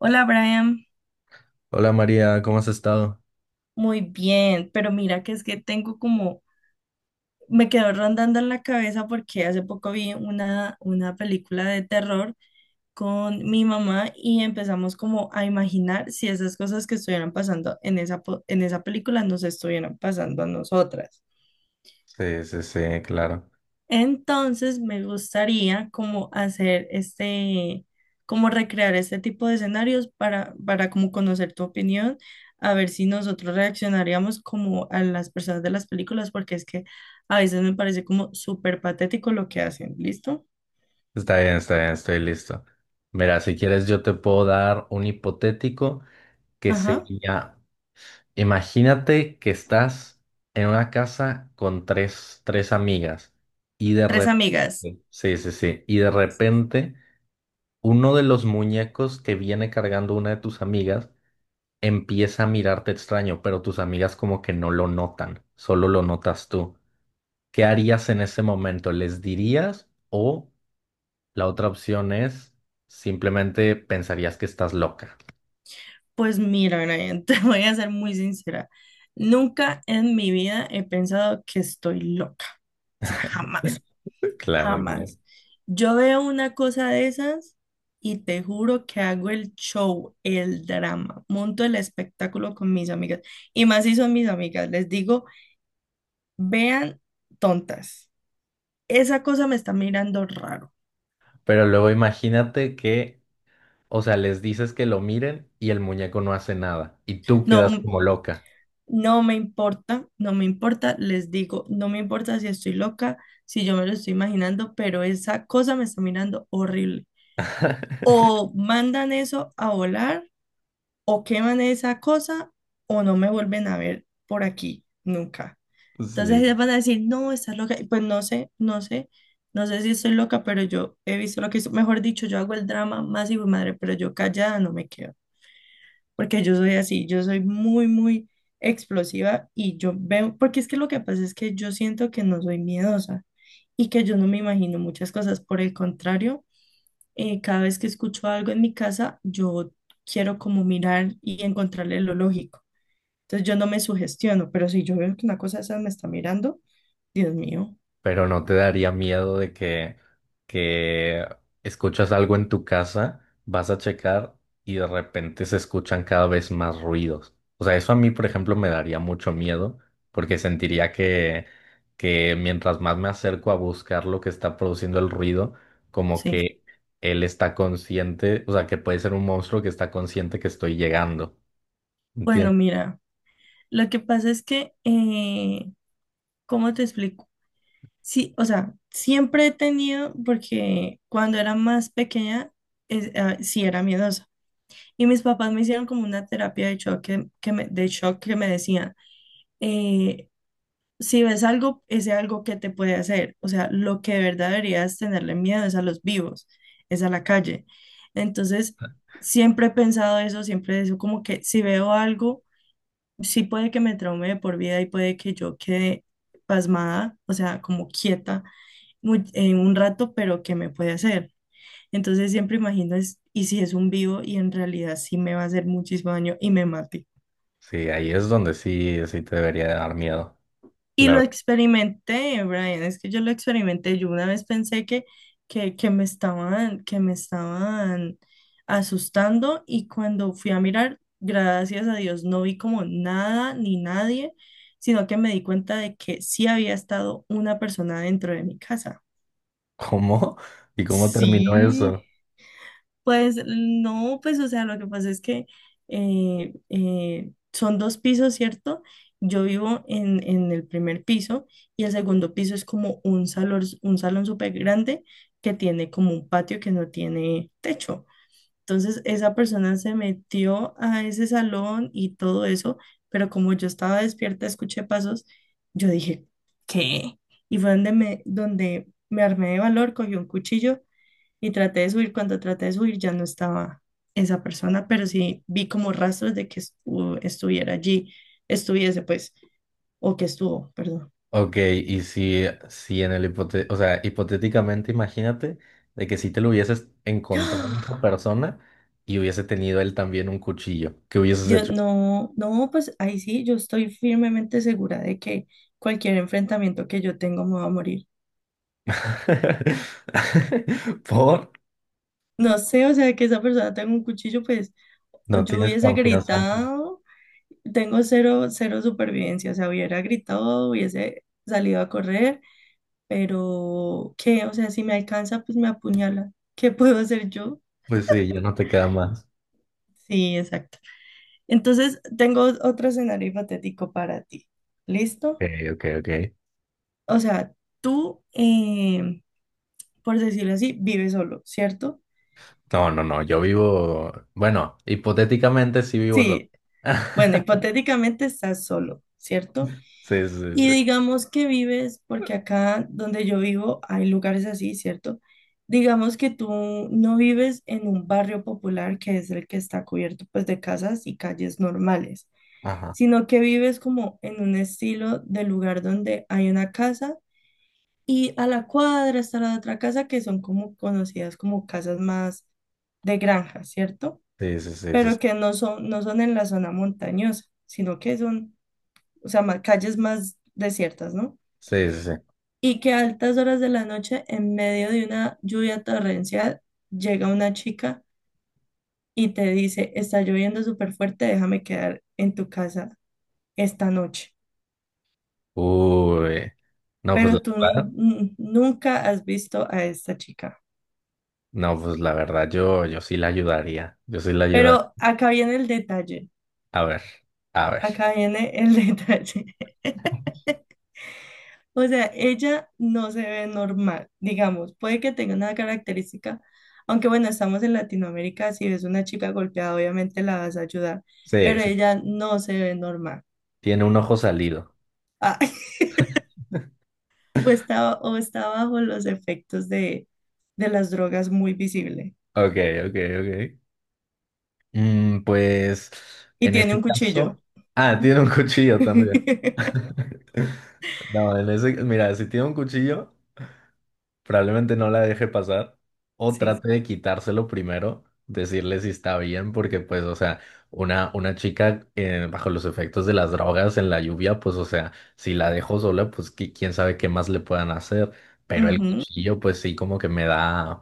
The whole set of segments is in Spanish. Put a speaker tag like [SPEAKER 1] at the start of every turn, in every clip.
[SPEAKER 1] Hola Brian,
[SPEAKER 2] Hola María, ¿cómo has estado?
[SPEAKER 1] muy bien, pero mira que es que tengo me quedó rondando en la cabeza porque hace poco vi una película de terror con mi mamá y empezamos como a imaginar si esas cosas que estuvieran pasando en en esa película nos estuvieran pasando a nosotras.
[SPEAKER 2] Sí, sí, sí, claro.
[SPEAKER 1] Entonces me gustaría como hacer como recrear este tipo de escenarios para como conocer tu opinión, a ver si nosotros reaccionaríamos como a las personas de las películas, porque es que a veces me parece como súper patético lo que hacen, ¿listo?
[SPEAKER 2] Está bien, estoy listo. Mira, si quieres yo te puedo dar un hipotético que
[SPEAKER 1] Ajá.
[SPEAKER 2] sería, imagínate que estás en una casa con tres amigas y de
[SPEAKER 1] Tres
[SPEAKER 2] repente,
[SPEAKER 1] amigas.
[SPEAKER 2] sí, sí, sí, y de repente uno de los muñecos que viene cargando una de tus amigas empieza a mirarte extraño, pero tus amigas como que no lo notan, solo lo notas tú. ¿Qué harías en ese momento? ¿Les dirías? O la otra opción es simplemente pensarías que estás loca.
[SPEAKER 1] Pues mira, Brian, te voy a ser muy sincera. Nunca en mi vida he pensado que estoy loca. O sea, jamás.
[SPEAKER 2] Claro, claro.
[SPEAKER 1] Jamás. Yo veo una cosa de esas y te juro que hago el show, el drama, monto el espectáculo con mis amigas. Y más si son mis amigas, les digo, vean tontas, esa cosa me está mirando raro.
[SPEAKER 2] Pero luego imagínate que, o sea, les dices que lo miren y el muñeco no hace nada y tú
[SPEAKER 1] No,
[SPEAKER 2] quedas
[SPEAKER 1] m-
[SPEAKER 2] como loca.
[SPEAKER 1] no me importa, no me importa, les digo, no me importa si estoy loca, si yo me lo estoy imaginando, pero esa cosa me está mirando horrible. O mandan eso a volar o queman esa cosa o no me vuelven a ver por aquí nunca. Entonces ellas
[SPEAKER 2] Sí.
[SPEAKER 1] van a decir, no, estás loca. Y pues no sé si estoy loca, pero yo he visto lo que hizo. Mejor dicho, yo hago el drama más hijo de madre, pero yo callada no me quedo. Porque yo soy así, yo soy muy explosiva y yo veo, porque es que lo que pasa es que yo siento que no soy miedosa y que yo no me imagino muchas cosas. Por el contrario cada vez que escucho algo en mi casa, yo quiero como mirar y encontrarle lo lógico. Entonces yo no me sugestiono, pero si yo veo que una cosa esa me está mirando, Dios mío,
[SPEAKER 2] Pero no te daría miedo de que escuchas algo en tu casa, vas a checar y de repente se escuchan cada vez más ruidos. O sea, eso a mí, por ejemplo, me daría mucho miedo porque sentiría que mientras más me acerco a buscar lo que está produciendo el ruido, como
[SPEAKER 1] sí.
[SPEAKER 2] que él está consciente, o sea, que puede ser un monstruo que está consciente que estoy llegando.
[SPEAKER 1] Bueno,
[SPEAKER 2] ¿Entiendes?
[SPEAKER 1] mira, lo que pasa es que, ¿cómo te explico? Sí, o sea, siempre he tenido, porque cuando era más pequeña, sí era miedosa. Y mis papás me hicieron como una terapia de shock de shock que me decían, eh, si ves algo, ese algo que te puede hacer. O sea, lo que de verdad deberías tenerle miedo es a los vivos, es a la calle. Entonces, siempre he pensado eso, siempre eso, como que si veo algo, sí puede que me traume de por vida y puede que yo quede pasmada, o sea, como quieta en un rato, pero ¿qué me puede hacer? Entonces siempre imagino es, y si es un vivo y en realidad sí me va a hacer muchísimo daño y me mata.
[SPEAKER 2] Sí, ahí es donde sí, sí te debería dar miedo.
[SPEAKER 1] Y lo experimenté, Brian, es que yo lo experimenté. Yo una vez pensé que me estaban, que me estaban asustando y cuando fui a mirar, gracias a Dios, no vi como nada ni nadie, sino que me di cuenta de que sí había estado una persona dentro de mi casa.
[SPEAKER 2] ¿Cómo? ¿Y cómo terminó
[SPEAKER 1] Sí.
[SPEAKER 2] eso?
[SPEAKER 1] Pues no, pues o sea, lo que pasa es que son dos pisos, ¿cierto? Yo vivo en el primer piso y el segundo piso es como un salón súper grande que tiene como un patio que no tiene techo. Entonces esa persona se metió a ese salón y todo eso, pero como yo estaba despierta, escuché pasos, yo dije, ¿qué? Y fue donde donde me armé de valor, cogí un cuchillo y traté de subir, cuando traté de subir ya no estaba esa persona, pero sí vi como rastros de que estuviera allí, estuviese pues, o que estuvo, perdón.
[SPEAKER 2] Ok, y si en el hipote, o sea, hipotéticamente imagínate de que si te lo hubieses encontrado a esa
[SPEAKER 1] ¡Ah!
[SPEAKER 2] persona y hubiese tenido él también un cuchillo, ¿qué hubieses
[SPEAKER 1] Dios,
[SPEAKER 2] hecho?
[SPEAKER 1] no, no, pues ahí sí, yo estoy firmemente segura de que cualquier enfrentamiento que yo tengo me va a morir.
[SPEAKER 2] ¿Por?
[SPEAKER 1] No sé, o sea, que esa persona tenga un cuchillo, pues, o
[SPEAKER 2] No
[SPEAKER 1] yo
[SPEAKER 2] tienes
[SPEAKER 1] hubiese
[SPEAKER 2] confianza en ti.
[SPEAKER 1] gritado, tengo cero, cero supervivencia, o sea, hubiera gritado, hubiese salido a correr pero ¿qué? O sea, si me alcanza, pues me apuñala. ¿Qué puedo hacer yo?
[SPEAKER 2] Pues sí, ya no te queda más.
[SPEAKER 1] Sí, exacto. Entonces, tengo otro escenario hipotético para ti. ¿Listo?
[SPEAKER 2] Ok, ok, ok.
[SPEAKER 1] O sea, tú, por decirlo así, vives solo, ¿cierto?
[SPEAKER 2] No, no, no, yo vivo, bueno, hipotéticamente sí vivo solo.
[SPEAKER 1] Sí, bueno, hipotéticamente estás solo, ¿cierto?
[SPEAKER 2] Sí, sí,
[SPEAKER 1] Y
[SPEAKER 2] sí.
[SPEAKER 1] digamos que vives, porque acá donde yo vivo hay lugares así, ¿cierto? Digamos que tú no vives en un barrio popular que es el que está cubierto pues de casas y calles normales,
[SPEAKER 2] Ajá.
[SPEAKER 1] sino que vives como en un estilo de lugar donde hay una casa y a la cuadra está la otra casa que son como conocidas como casas más de granja, ¿cierto?
[SPEAKER 2] Sí, sí, sí, sí. Sí,
[SPEAKER 1] Pero que no son en la zona montañosa, sino que son, o sea, calles más desiertas, ¿no?
[SPEAKER 2] sí, sí.
[SPEAKER 1] Y que a altas horas de la noche, en medio de una lluvia torrencial, llega una chica y te dice, está lloviendo súper fuerte, déjame quedar en tu casa esta noche.
[SPEAKER 2] Uy, no, pues la
[SPEAKER 1] Pero
[SPEAKER 2] verdad,
[SPEAKER 1] nunca has visto a esta chica.
[SPEAKER 2] no, pues la verdad, yo sí la ayudaría. Yo sí la ayuda.
[SPEAKER 1] Pero acá viene el detalle,
[SPEAKER 2] A ver, a ver.
[SPEAKER 1] acá viene el detalle. O sea, ella no se ve normal, digamos, puede que tenga una característica, aunque bueno, estamos en Latinoamérica, si ves una chica golpeada, obviamente la vas a ayudar,
[SPEAKER 2] Sí,
[SPEAKER 1] pero
[SPEAKER 2] sí.
[SPEAKER 1] ella no se ve normal.
[SPEAKER 2] Tiene un ojo salido.
[SPEAKER 1] Ah, o está bajo los efectos de las drogas muy visible.
[SPEAKER 2] Ok, ok, ok. Mm, pues
[SPEAKER 1] Y
[SPEAKER 2] en
[SPEAKER 1] tiene
[SPEAKER 2] este
[SPEAKER 1] un cuchillo.
[SPEAKER 2] caso. Ah, tiene un cuchillo también. No, en ese, mira, si tiene un cuchillo. Probablemente no la deje pasar o
[SPEAKER 1] Sí.
[SPEAKER 2] trate de quitárselo primero, decirle si está bien, porque pues, o sea, una chica bajo los efectos de las drogas en la lluvia, pues, o sea, si la dejo sola, pues qui- quién sabe qué más le puedan hacer, pero el
[SPEAKER 1] Ujú.
[SPEAKER 2] cuchillo, pues sí, como que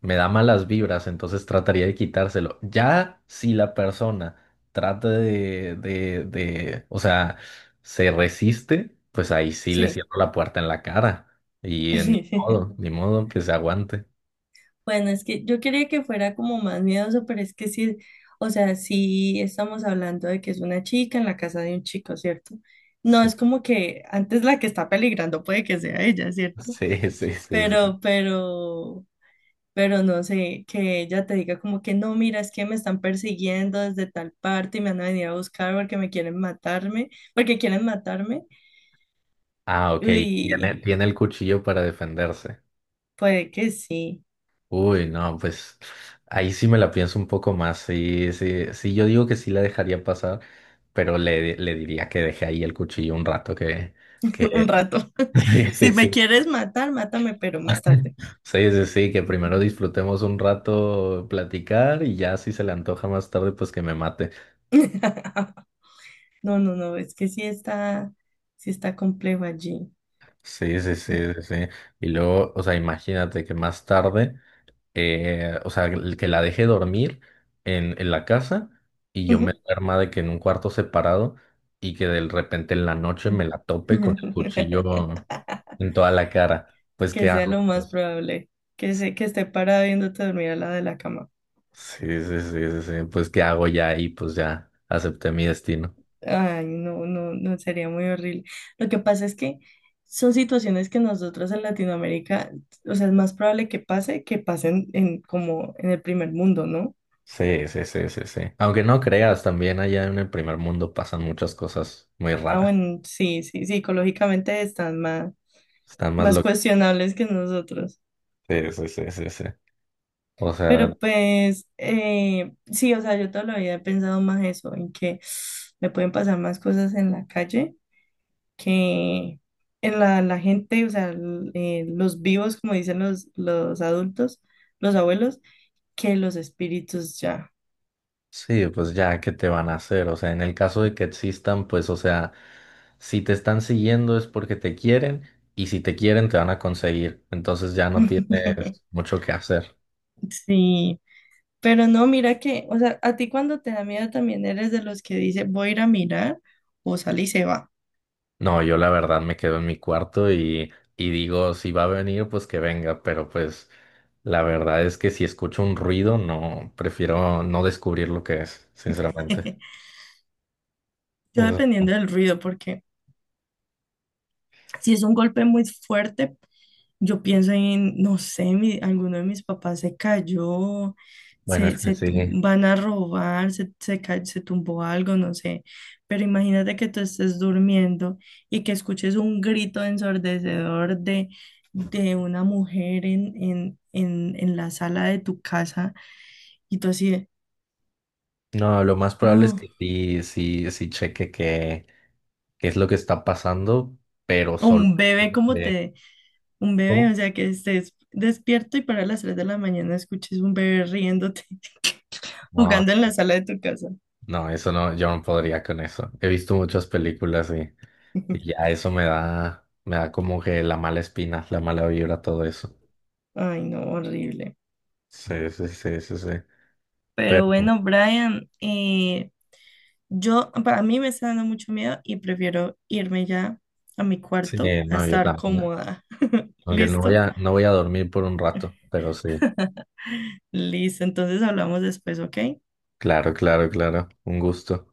[SPEAKER 2] me da malas vibras, entonces trataría de quitárselo. Ya si la persona trata de o sea, se resiste, pues ahí sí le
[SPEAKER 1] Sí.
[SPEAKER 2] cierro la puerta en la cara. Y en modo, ni modo que se aguante.
[SPEAKER 1] Bueno, es que yo quería que fuera como más miedoso, pero es que sí, o sea, sí estamos hablando de que es una chica en la casa de un chico, ¿cierto? No
[SPEAKER 2] Sí,
[SPEAKER 1] es como que antes la que está peligrando puede que sea ella, ¿cierto?
[SPEAKER 2] sí, sí, sí. Sí.
[SPEAKER 1] Pero, pero, pero no sé, que ella te diga como que no, mira, es que me están persiguiendo desde tal parte y me van a venir a buscar porque me quieren matarme, porque quieren matarme.
[SPEAKER 2] Ah, ok. Tiene,
[SPEAKER 1] Uy,
[SPEAKER 2] tiene el cuchillo para defenderse.
[SPEAKER 1] puede que sí,
[SPEAKER 2] Uy, no, pues ahí sí me la pienso un poco más. Sí, sí, sí, yo digo que sí la dejaría pasar, pero le diría que deje ahí el cuchillo un rato, que,
[SPEAKER 1] un
[SPEAKER 2] que,
[SPEAKER 1] rato.
[SPEAKER 2] sí, sí,
[SPEAKER 1] Si me
[SPEAKER 2] sí,
[SPEAKER 1] quieres matar, mátame, pero más tarde.
[SPEAKER 2] sí, sí, sí, que primero disfrutemos un rato platicar y ya si se le antoja más tarde, pues que me mate.
[SPEAKER 1] No, no, no, es que sí está complejo allí.
[SPEAKER 2] Sí, sí, sí, sí, sí. Y luego, o sea, imagínate que más tarde. O sea, el que la deje dormir en la casa y yo me
[SPEAKER 1] Ujú.
[SPEAKER 2] duerma de que en un cuarto separado y que de repente en la noche me la tope con el cuchillo en toda la cara. Pues,
[SPEAKER 1] Que
[SPEAKER 2] ¿qué
[SPEAKER 1] sea lo
[SPEAKER 2] hago?
[SPEAKER 1] más
[SPEAKER 2] Pues,
[SPEAKER 1] probable, que esté parada viéndote dormir al lado de la cama.
[SPEAKER 2] sí, sí, sí, sí, sí. Pues, ¿qué hago ya ahí? Pues ya acepté mi destino.
[SPEAKER 1] Ay, no, no, no, sería muy horrible. Lo que pasa es que son situaciones que nosotros en Latinoamérica, o sea, es más probable que pase que pasen en, como en el primer mundo, ¿no?
[SPEAKER 2] Sí, sí, sí, sí, sí. Aunque no creas, también allá en el primer mundo pasan muchas cosas muy
[SPEAKER 1] Ah,
[SPEAKER 2] raras.
[SPEAKER 1] bueno, sí, sí, psicológicamente están
[SPEAKER 2] Están más
[SPEAKER 1] más
[SPEAKER 2] locos.
[SPEAKER 1] cuestionables que nosotros.
[SPEAKER 2] Sí, sí, sí, sí, sí. O sea,
[SPEAKER 1] Pero pues, sí, o sea, yo toda la vida he pensado más eso, en que me pueden pasar más cosas en la calle que en la gente, o sea, los vivos, como dicen los adultos, los abuelos, que los espíritus ya.
[SPEAKER 2] sí, pues ya, ¿qué te van a hacer? O sea, en el caso de que existan, pues, o sea, si te están siguiendo es porque te quieren y si te quieren te van a conseguir. Entonces ya no tienes mucho que hacer.
[SPEAKER 1] Sí, pero no, mira que, o sea, a ti cuando te da miedo también eres de los que dice voy a ir a mirar o sale y se va.
[SPEAKER 2] No, yo la verdad me quedo en mi cuarto y digo, si va a venir, pues que venga, pero pues la verdad es que si escucho un ruido, no, prefiero no descubrir lo que es, sinceramente. O
[SPEAKER 1] Yo
[SPEAKER 2] sea,
[SPEAKER 1] dependiendo del ruido, porque si es un golpe muy fuerte, yo pienso en, no sé, alguno de mis papás se cayó,
[SPEAKER 2] bueno,
[SPEAKER 1] se,
[SPEAKER 2] es que
[SPEAKER 1] se
[SPEAKER 2] sí.
[SPEAKER 1] tu- van a robar, se tumbó algo, no sé. Pero imagínate que tú estés durmiendo y que escuches un grito ensordecedor de una mujer en la sala de tu casa y tú así de,
[SPEAKER 2] No, lo más probable es
[SPEAKER 1] no,
[SPEAKER 2] que sí, sí, sí cheque qué es lo que está pasando, pero
[SPEAKER 1] o
[SPEAKER 2] solo
[SPEAKER 1] un bebé como
[SPEAKER 2] de-
[SPEAKER 1] te un bebé,
[SPEAKER 2] ¿Cómo?
[SPEAKER 1] o sea, que estés despierto y para las 3 de la mañana escuches un bebé riéndote,
[SPEAKER 2] No,
[SPEAKER 1] jugando en la sala de tu casa.
[SPEAKER 2] no, eso no, yo no podría con eso. He visto muchas películas y ya eso me da como que la mala espina, la mala vibra, todo eso.
[SPEAKER 1] Ay, no, horrible.
[SPEAKER 2] Sí, sí, sí, sí, sí.
[SPEAKER 1] Pero
[SPEAKER 2] Pero
[SPEAKER 1] bueno, Brian, yo, para mí me está dando mucho miedo y prefiero irme ya a mi
[SPEAKER 2] sí,
[SPEAKER 1] cuarto a
[SPEAKER 2] no, yo
[SPEAKER 1] estar
[SPEAKER 2] también.
[SPEAKER 1] cómoda.
[SPEAKER 2] Aunque no voy
[SPEAKER 1] ¿Listo?
[SPEAKER 2] a, no voy a dormir por un rato, pero sí.
[SPEAKER 1] Listo, entonces hablamos después, ¿ok?
[SPEAKER 2] Claro, claro, claro. Un gusto.